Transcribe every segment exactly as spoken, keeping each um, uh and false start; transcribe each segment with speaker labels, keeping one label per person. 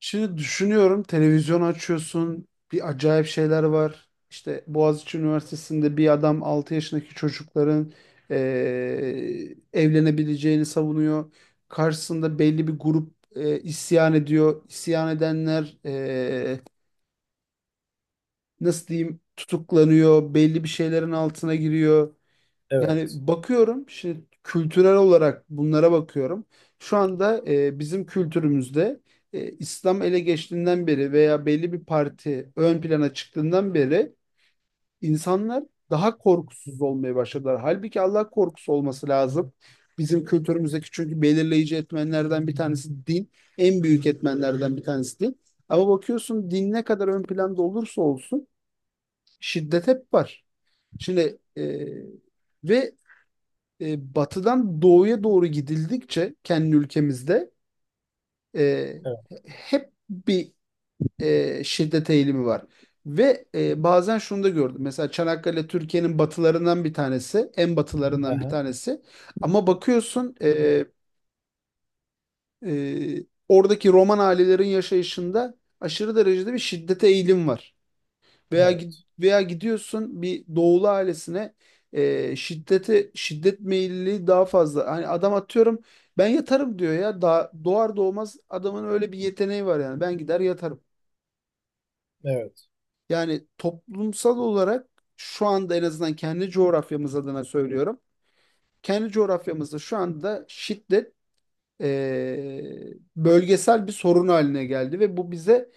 Speaker 1: Şimdi düşünüyorum televizyon açıyorsun bir acayip şeyler var. İşte Boğaziçi Üniversitesi'nde bir adam altı yaşındaki çocukların eee, evlenebileceğini savunuyor. Karşısında belli bir grup eee, isyan ediyor. İsyan edenler eee, nasıl diyeyim tutuklanıyor. Belli bir şeylerin altına giriyor. Yani
Speaker 2: Evet.
Speaker 1: bakıyorum şimdi kültürel olarak bunlara bakıyorum. Şu anda e, bizim kültürümüzde e, İslam ele geçtiğinden beri veya belli bir parti ön plana çıktığından beri insanlar daha korkusuz olmaya başladılar. Halbuki Allah korkusu olması lazım. Bizim kültürümüzdeki çünkü belirleyici etmenlerden bir tanesi din. En büyük etmenlerden bir tanesi din. Ama bakıyorsun din ne kadar ön planda olursa olsun şiddet hep var. Şimdi e, ve e, batıdan doğuya doğru gidildikçe kendi ülkemizde e,
Speaker 2: Evet.
Speaker 1: hep bir e, şiddet eğilimi var. Ve e, bazen şunu da gördüm. Mesela Çanakkale Türkiye'nin batılarından bir tanesi, en batılarından bir
Speaker 2: Aha,
Speaker 1: tanesi. Ama bakıyorsun e, e, oradaki Roman ailelerin yaşayışında aşırı derecede bir şiddete eğilim var. Veya gid-
Speaker 2: evet.
Speaker 1: veya gidiyorsun bir doğulu ailesine e, şiddete şiddet meyilli daha fazla. Hani adam atıyorum ben yatarım diyor ya. Daha doğar doğmaz adamın öyle bir yeteneği var yani. Ben gider yatarım.
Speaker 2: Evet.
Speaker 1: Yani toplumsal olarak şu anda en azından kendi coğrafyamız adına söylüyorum. Kendi coğrafyamızda şu anda şiddet e, bölgesel bir sorun haline geldi ve bu bize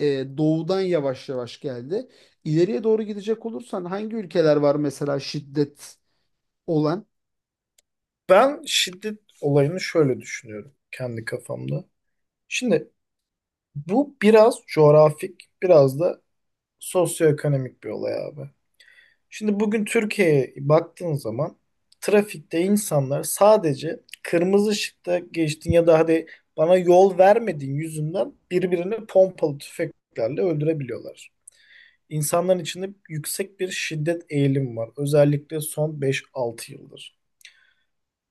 Speaker 1: e, doğudan yavaş yavaş geldi. İleriye doğru gidecek olursan hangi ülkeler var mesela şiddet olan?
Speaker 2: Ben şiddet olayını şöyle düşünüyorum kendi kafamda. Şimdi bu biraz coğrafik, biraz da sosyoekonomik bir olay abi. Şimdi bugün Türkiye'ye baktığın zaman trafikte insanlar sadece kırmızı ışıkta geçtin ya da hadi bana yol vermediğin yüzünden birbirini pompalı tüfeklerle öldürebiliyorlar. İnsanların içinde yüksek bir şiddet eğilim var. Özellikle son beş altı yıldır.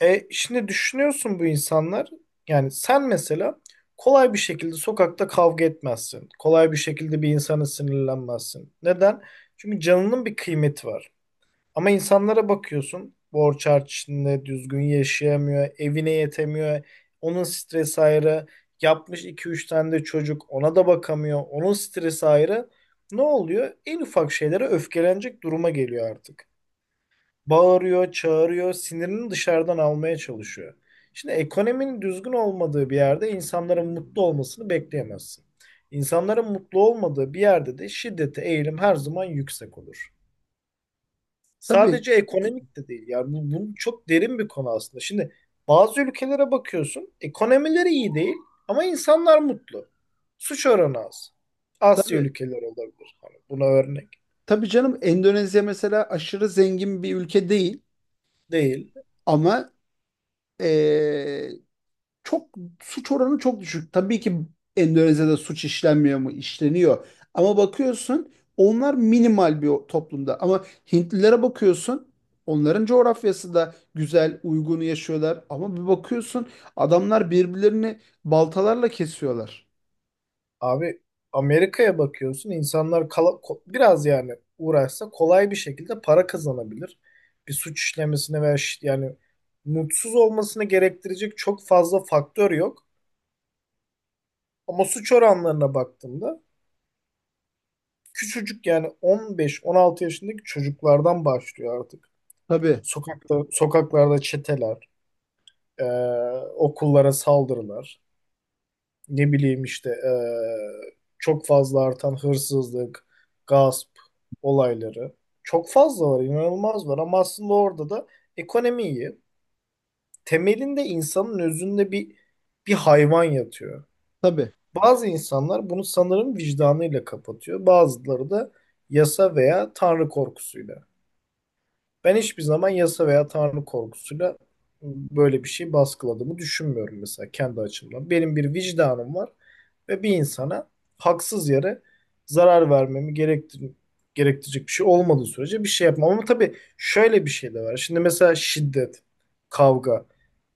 Speaker 2: E şimdi düşünüyorsun bu insanlar yani sen mesela kolay bir şekilde sokakta kavga etmezsin. Kolay bir şekilde bir insana sinirlenmezsin. Neden? Çünkü canının bir kıymeti var. Ama insanlara bakıyorsun borç harç içinde düzgün yaşayamıyor, evine yetemiyor. Onun stresi ayrı. Yapmış iki üç tane de çocuk ona da bakamıyor. Onun stresi ayrı. Ne oluyor? En ufak şeylere öfkelenecek duruma geliyor artık, bağırıyor, çağırıyor, sinirini dışarıdan almaya çalışıyor. Şimdi ekonominin düzgün olmadığı bir yerde insanların mutlu olmasını bekleyemezsin. İnsanların mutlu olmadığı bir yerde de şiddete eğilim her zaman yüksek olur.
Speaker 1: Tabii,
Speaker 2: Sadece ekonomik de değil. Yani bu, bu çok derin bir konu aslında. Şimdi bazı ülkelere bakıyorsun, ekonomileri iyi değil ama insanlar mutlu. Suç oranı az. Asya
Speaker 1: tabii.
Speaker 2: ülkeleri olabilir. Hani buna örnek
Speaker 1: Tabii canım, Endonezya mesela aşırı zengin bir ülke değil
Speaker 2: değil.
Speaker 1: ama e, çok suç oranı çok düşük. Tabii ki Endonezya'da suç işlenmiyor mu? İşleniyor. Ama bakıyorsun onlar minimal bir o- toplumda. Ama Hintlilere bakıyorsun onların coğrafyası da güzel, uygun yaşıyorlar. Ama bir bakıyorsun adamlar birbirlerini baltalarla kesiyorlar.
Speaker 2: Abi, Amerika'ya bakıyorsun insanlar kala- ko- biraz yani uğraşsa kolay bir şekilde para kazanabilir. Bir suç işlemesine veya şi- yani mutsuz olmasını gerektirecek çok fazla faktör yok. Ama suç oranlarına baktığımda küçücük yani on beş on altı yaşındaki çocuklardan başlıyor artık.
Speaker 1: Tabii,
Speaker 2: Sokakta, sokaklarda çeteler, eee, okullara saldırılar. Ne bileyim işte, eee, çok fazla artan hırsızlık, gasp olayları çok fazla var, inanılmaz var, ama aslında orada da ekonomiyi temelinde insanın özünde bir bir hayvan yatıyor.
Speaker 1: tabii,
Speaker 2: Bazı insanlar bunu sanırım vicdanıyla kapatıyor. Bazıları da yasa veya tanrı korkusuyla. Ben hiçbir zaman yasa veya tanrı korkusuyla böyle bir şey baskıladığımı düşünmüyorum mesela kendi açımdan. Benim bir vicdanım var ve bir insana haksız yere zarar vermemi gerektir gerektirecek bir şey olmadığı sürece bir şey yapmam. Ama tabii şöyle bir şey de var. Şimdi mesela şiddet, kavga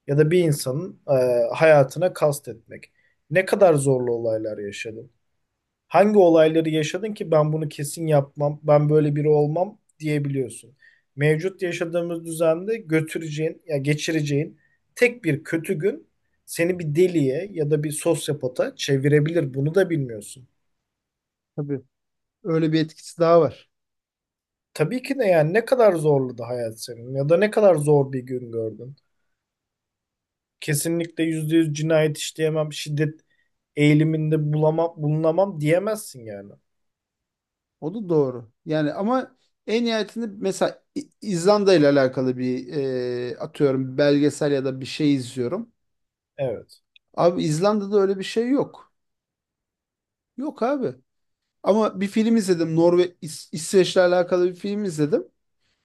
Speaker 2: ya da bir insanın e, hayatına kastetmek. Ne kadar zorlu olaylar yaşadım. Hangi olayları yaşadın ki ben bunu kesin yapmam, ben böyle biri olmam diyebiliyorsun. Mevcut yaşadığımız düzende götüreceğin, ya geçireceğin tek bir kötü gün seni bir deliye ya da bir sosyopata çevirebilir. Bunu da bilmiyorsun.
Speaker 1: tabii. Öyle bir etkisi daha var.
Speaker 2: Tabii ki de, yani ne kadar zorladı hayat senin ya da ne kadar zor bir gün gördün. Kesinlikle yüzde yüz cinayet işleyemem, şiddet eğiliminde bulamam, bulunamam diyemezsin yani.
Speaker 1: O da doğru. Yani ama en nihayetinde mesela İ- İzlanda ile alakalı bir e, atıyorum belgesel ya da bir şey izliyorum.
Speaker 2: Evet,
Speaker 1: Abi İzlanda'da öyle bir şey yok. Yok abi. Ama bir film izledim. Norve İs- İsveç'le alakalı bir film izledim.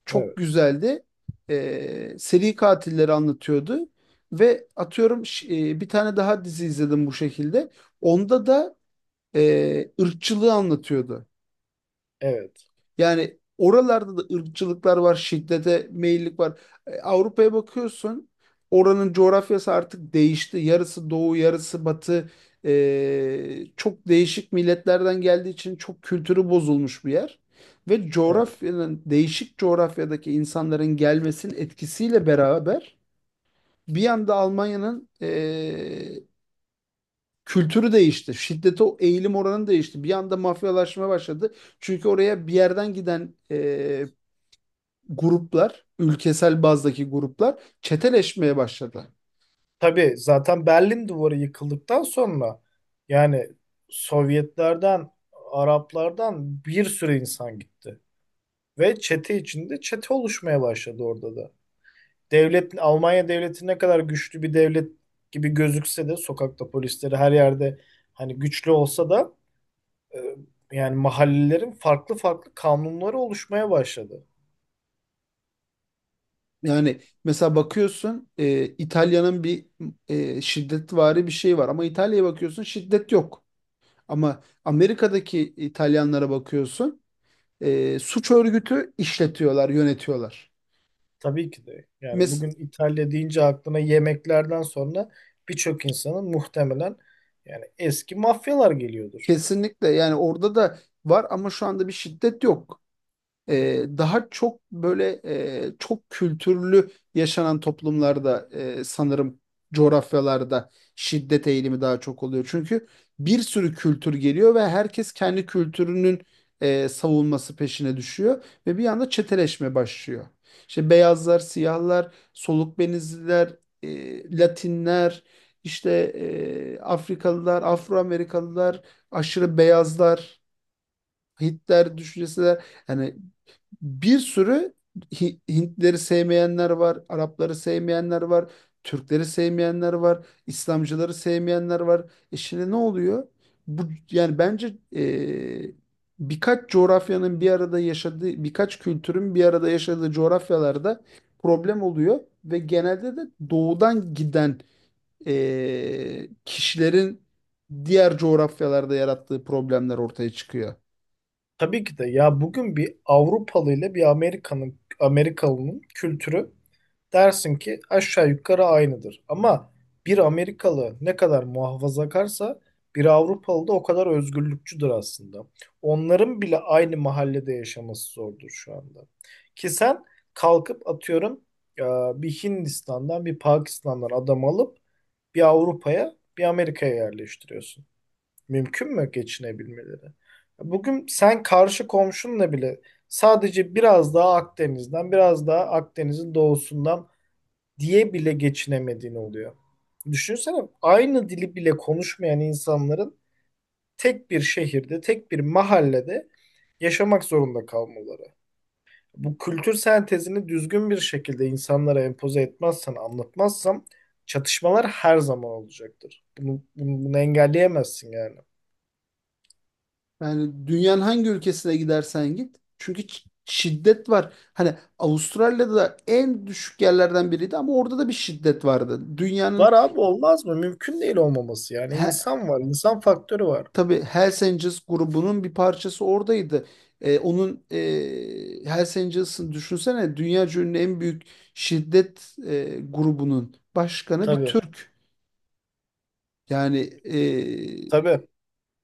Speaker 1: Çok
Speaker 2: evet,
Speaker 1: güzeldi. Ee, seri katilleri anlatıyordu. Ve atıyorum ş- e, bir tane daha dizi izledim bu şekilde. Onda da e, ırkçılığı anlatıyordu.
Speaker 2: evet,
Speaker 1: Yani oralarda da ırkçılıklar var, şiddete meyillik var. E, Avrupa'ya bakıyorsun, oranın coğrafyası artık değişti. Yarısı doğu, yarısı batı. E, çok değişik milletlerden geldiği için çok kültürü bozulmuş bir yer. Ve
Speaker 2: evet.
Speaker 1: coğrafyanın, değişik coğrafyadaki insanların gelmesinin etkisiyle beraber bir anda Almanya'nın e, kültürü değişti. Şiddete o eğilim oranı değişti. Bir anda mafyalaşma başladı. Çünkü oraya bir yerden giden e, gruplar, ülkesel bazdaki gruplar çeteleşmeye başladı.
Speaker 2: Tabii zaten Berlin Duvarı yıkıldıktan sonra yani Sovyetlerden, Araplardan bir sürü insan gitti. Ve çete içinde çete oluşmaya başladı orada da. Devlet, Almanya devleti ne kadar güçlü bir devlet gibi gözükse de sokakta polisleri her yerde, hani güçlü olsa da e, yani mahallelerin farklı farklı kanunları oluşmaya başladı.
Speaker 1: Yani mesela bakıyorsun e, İtalya'nın bir e, şiddetvari bir şey var ama İtalya'ya bakıyorsun şiddet yok. Ama Amerika'daki İtalyanlara bakıyorsun e, suç örgütü işletiyorlar, yönetiyorlar.
Speaker 2: Tabii ki de. Yani
Speaker 1: Mes
Speaker 2: bugün İtalya deyince aklına yemeklerden sonra birçok insanın muhtemelen yani eski mafyalar geliyordur.
Speaker 1: Kesinlikle yani orada da var ama şu anda bir şiddet yok. E, daha çok böyle e, çok kültürlü yaşanan toplumlarda e, sanırım coğrafyalarda şiddet eğilimi daha çok oluyor. Çünkü bir sürü kültür geliyor ve herkes kendi kültürünün e, savunması peşine düşüyor ve bir anda çeteleşme başlıyor. İşte beyazlar, siyahlar, soluk benizliler, e, Latinler, işte e, Afrikalılar, Afro Amerikalılar, aşırı beyazlar, Hitler düşüncesi de yani bir sürü Hi- Hintleri sevmeyenler var, Arapları sevmeyenler var, Türkleri sevmeyenler var, İslamcıları sevmeyenler var. E şimdi ne oluyor? Bu yani bence e, birkaç coğrafyanın bir arada yaşadığı, birkaç kültürün bir arada yaşadığı coğrafyalarda problem oluyor ve genelde de doğudan giden e, kişilerin diğer coğrafyalarda yarattığı problemler ortaya çıkıyor.
Speaker 2: Tabii ki de. Ya, bugün bir Avrupalı ile bir Amerika'nın, Amerikalı'nın kültürü dersin ki aşağı yukarı aynıdır. Ama bir Amerikalı ne kadar muhafazakarsa bir Avrupalı da o kadar özgürlükçüdür aslında. Onların bile aynı mahallede yaşaması zordur şu anda. Ki sen kalkıp atıyorum e, bir Hindistan'dan bir Pakistan'dan adam alıp bir Avrupa'ya bir Amerika'ya yerleştiriyorsun. Mümkün mü geçinebilmeleri? Bugün sen karşı komşunla bile sadece biraz daha Akdeniz'den, biraz daha Akdeniz'in doğusundan diye bile geçinemediğini oluyor. Düşünsene, aynı dili bile konuşmayan insanların tek bir şehirde, tek bir mahallede yaşamak zorunda kalmaları. Bu kültür sentezini düzgün bir şekilde insanlara empoze etmezsen, anlatmazsam çatışmalar her zaman olacaktır. Bunu, bunu, bunu engelleyemezsin yani.
Speaker 1: Yani dünyanın hangi ülkesine gidersen git. Çünkü ç- şiddet var. Hani Avustralya'da da en düşük yerlerden biriydi ama orada da bir şiddet vardı. Dünyanın.
Speaker 2: Var abi, olmaz mı? Mümkün değil olmaması yani.
Speaker 1: He,
Speaker 2: İnsan var, insan faktörü var.
Speaker 1: tabii Hells Angels grubunun bir parçası oradaydı. Ee, onun e, Hells Angels'ın düşünsene dünya ünlü en büyük şiddet e, grubunun başkanı bir
Speaker 2: Tabii,
Speaker 1: Türk. Yani e,
Speaker 2: tabii.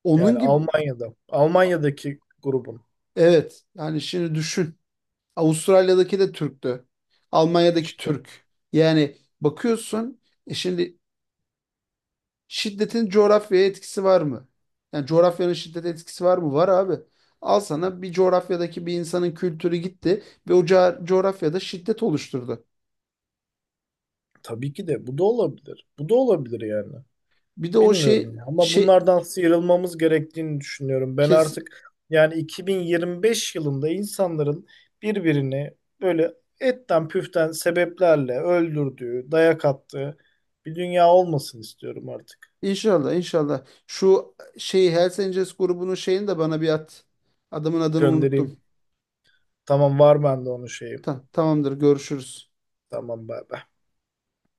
Speaker 1: onun
Speaker 2: Yani
Speaker 1: gibi,
Speaker 2: Almanya'da, Almanya'daki grubun
Speaker 1: evet yani şimdi düşün. Avustralya'daki de Türktü. Almanya'daki
Speaker 2: işte.
Speaker 1: Türk. Yani bakıyorsun e şimdi şiddetin coğrafyaya etkisi var mı? Yani coğrafyanın şiddete etkisi var mı? Var abi. Al sana bir coğrafyadaki bir insanın kültürü gitti ve o ca- coğrafyada şiddet oluşturdu.
Speaker 2: Tabii ki de, bu da olabilir. Bu da olabilir yani.
Speaker 1: Bir de o şey,
Speaker 2: Bilmiyorum ya. Ama
Speaker 1: şey
Speaker 2: bunlardan sıyrılmamız gerektiğini düşünüyorum. Ben
Speaker 1: kes
Speaker 2: artık yani iki bin yirmi beş yılında insanların birbirini böyle etten püften sebeplerle öldürdüğü, dayak attığı bir dünya olmasın istiyorum artık.
Speaker 1: inşallah, inşallah şu şeyi Hells Angels grubunun şeyini de bana bir at. Adamın adını
Speaker 2: Göndereyim.
Speaker 1: unuttum.
Speaker 2: Tamam, var bende onun şeyi.
Speaker 1: Tamam, tamamdır görüşürüz.
Speaker 2: Tamam, bay bay.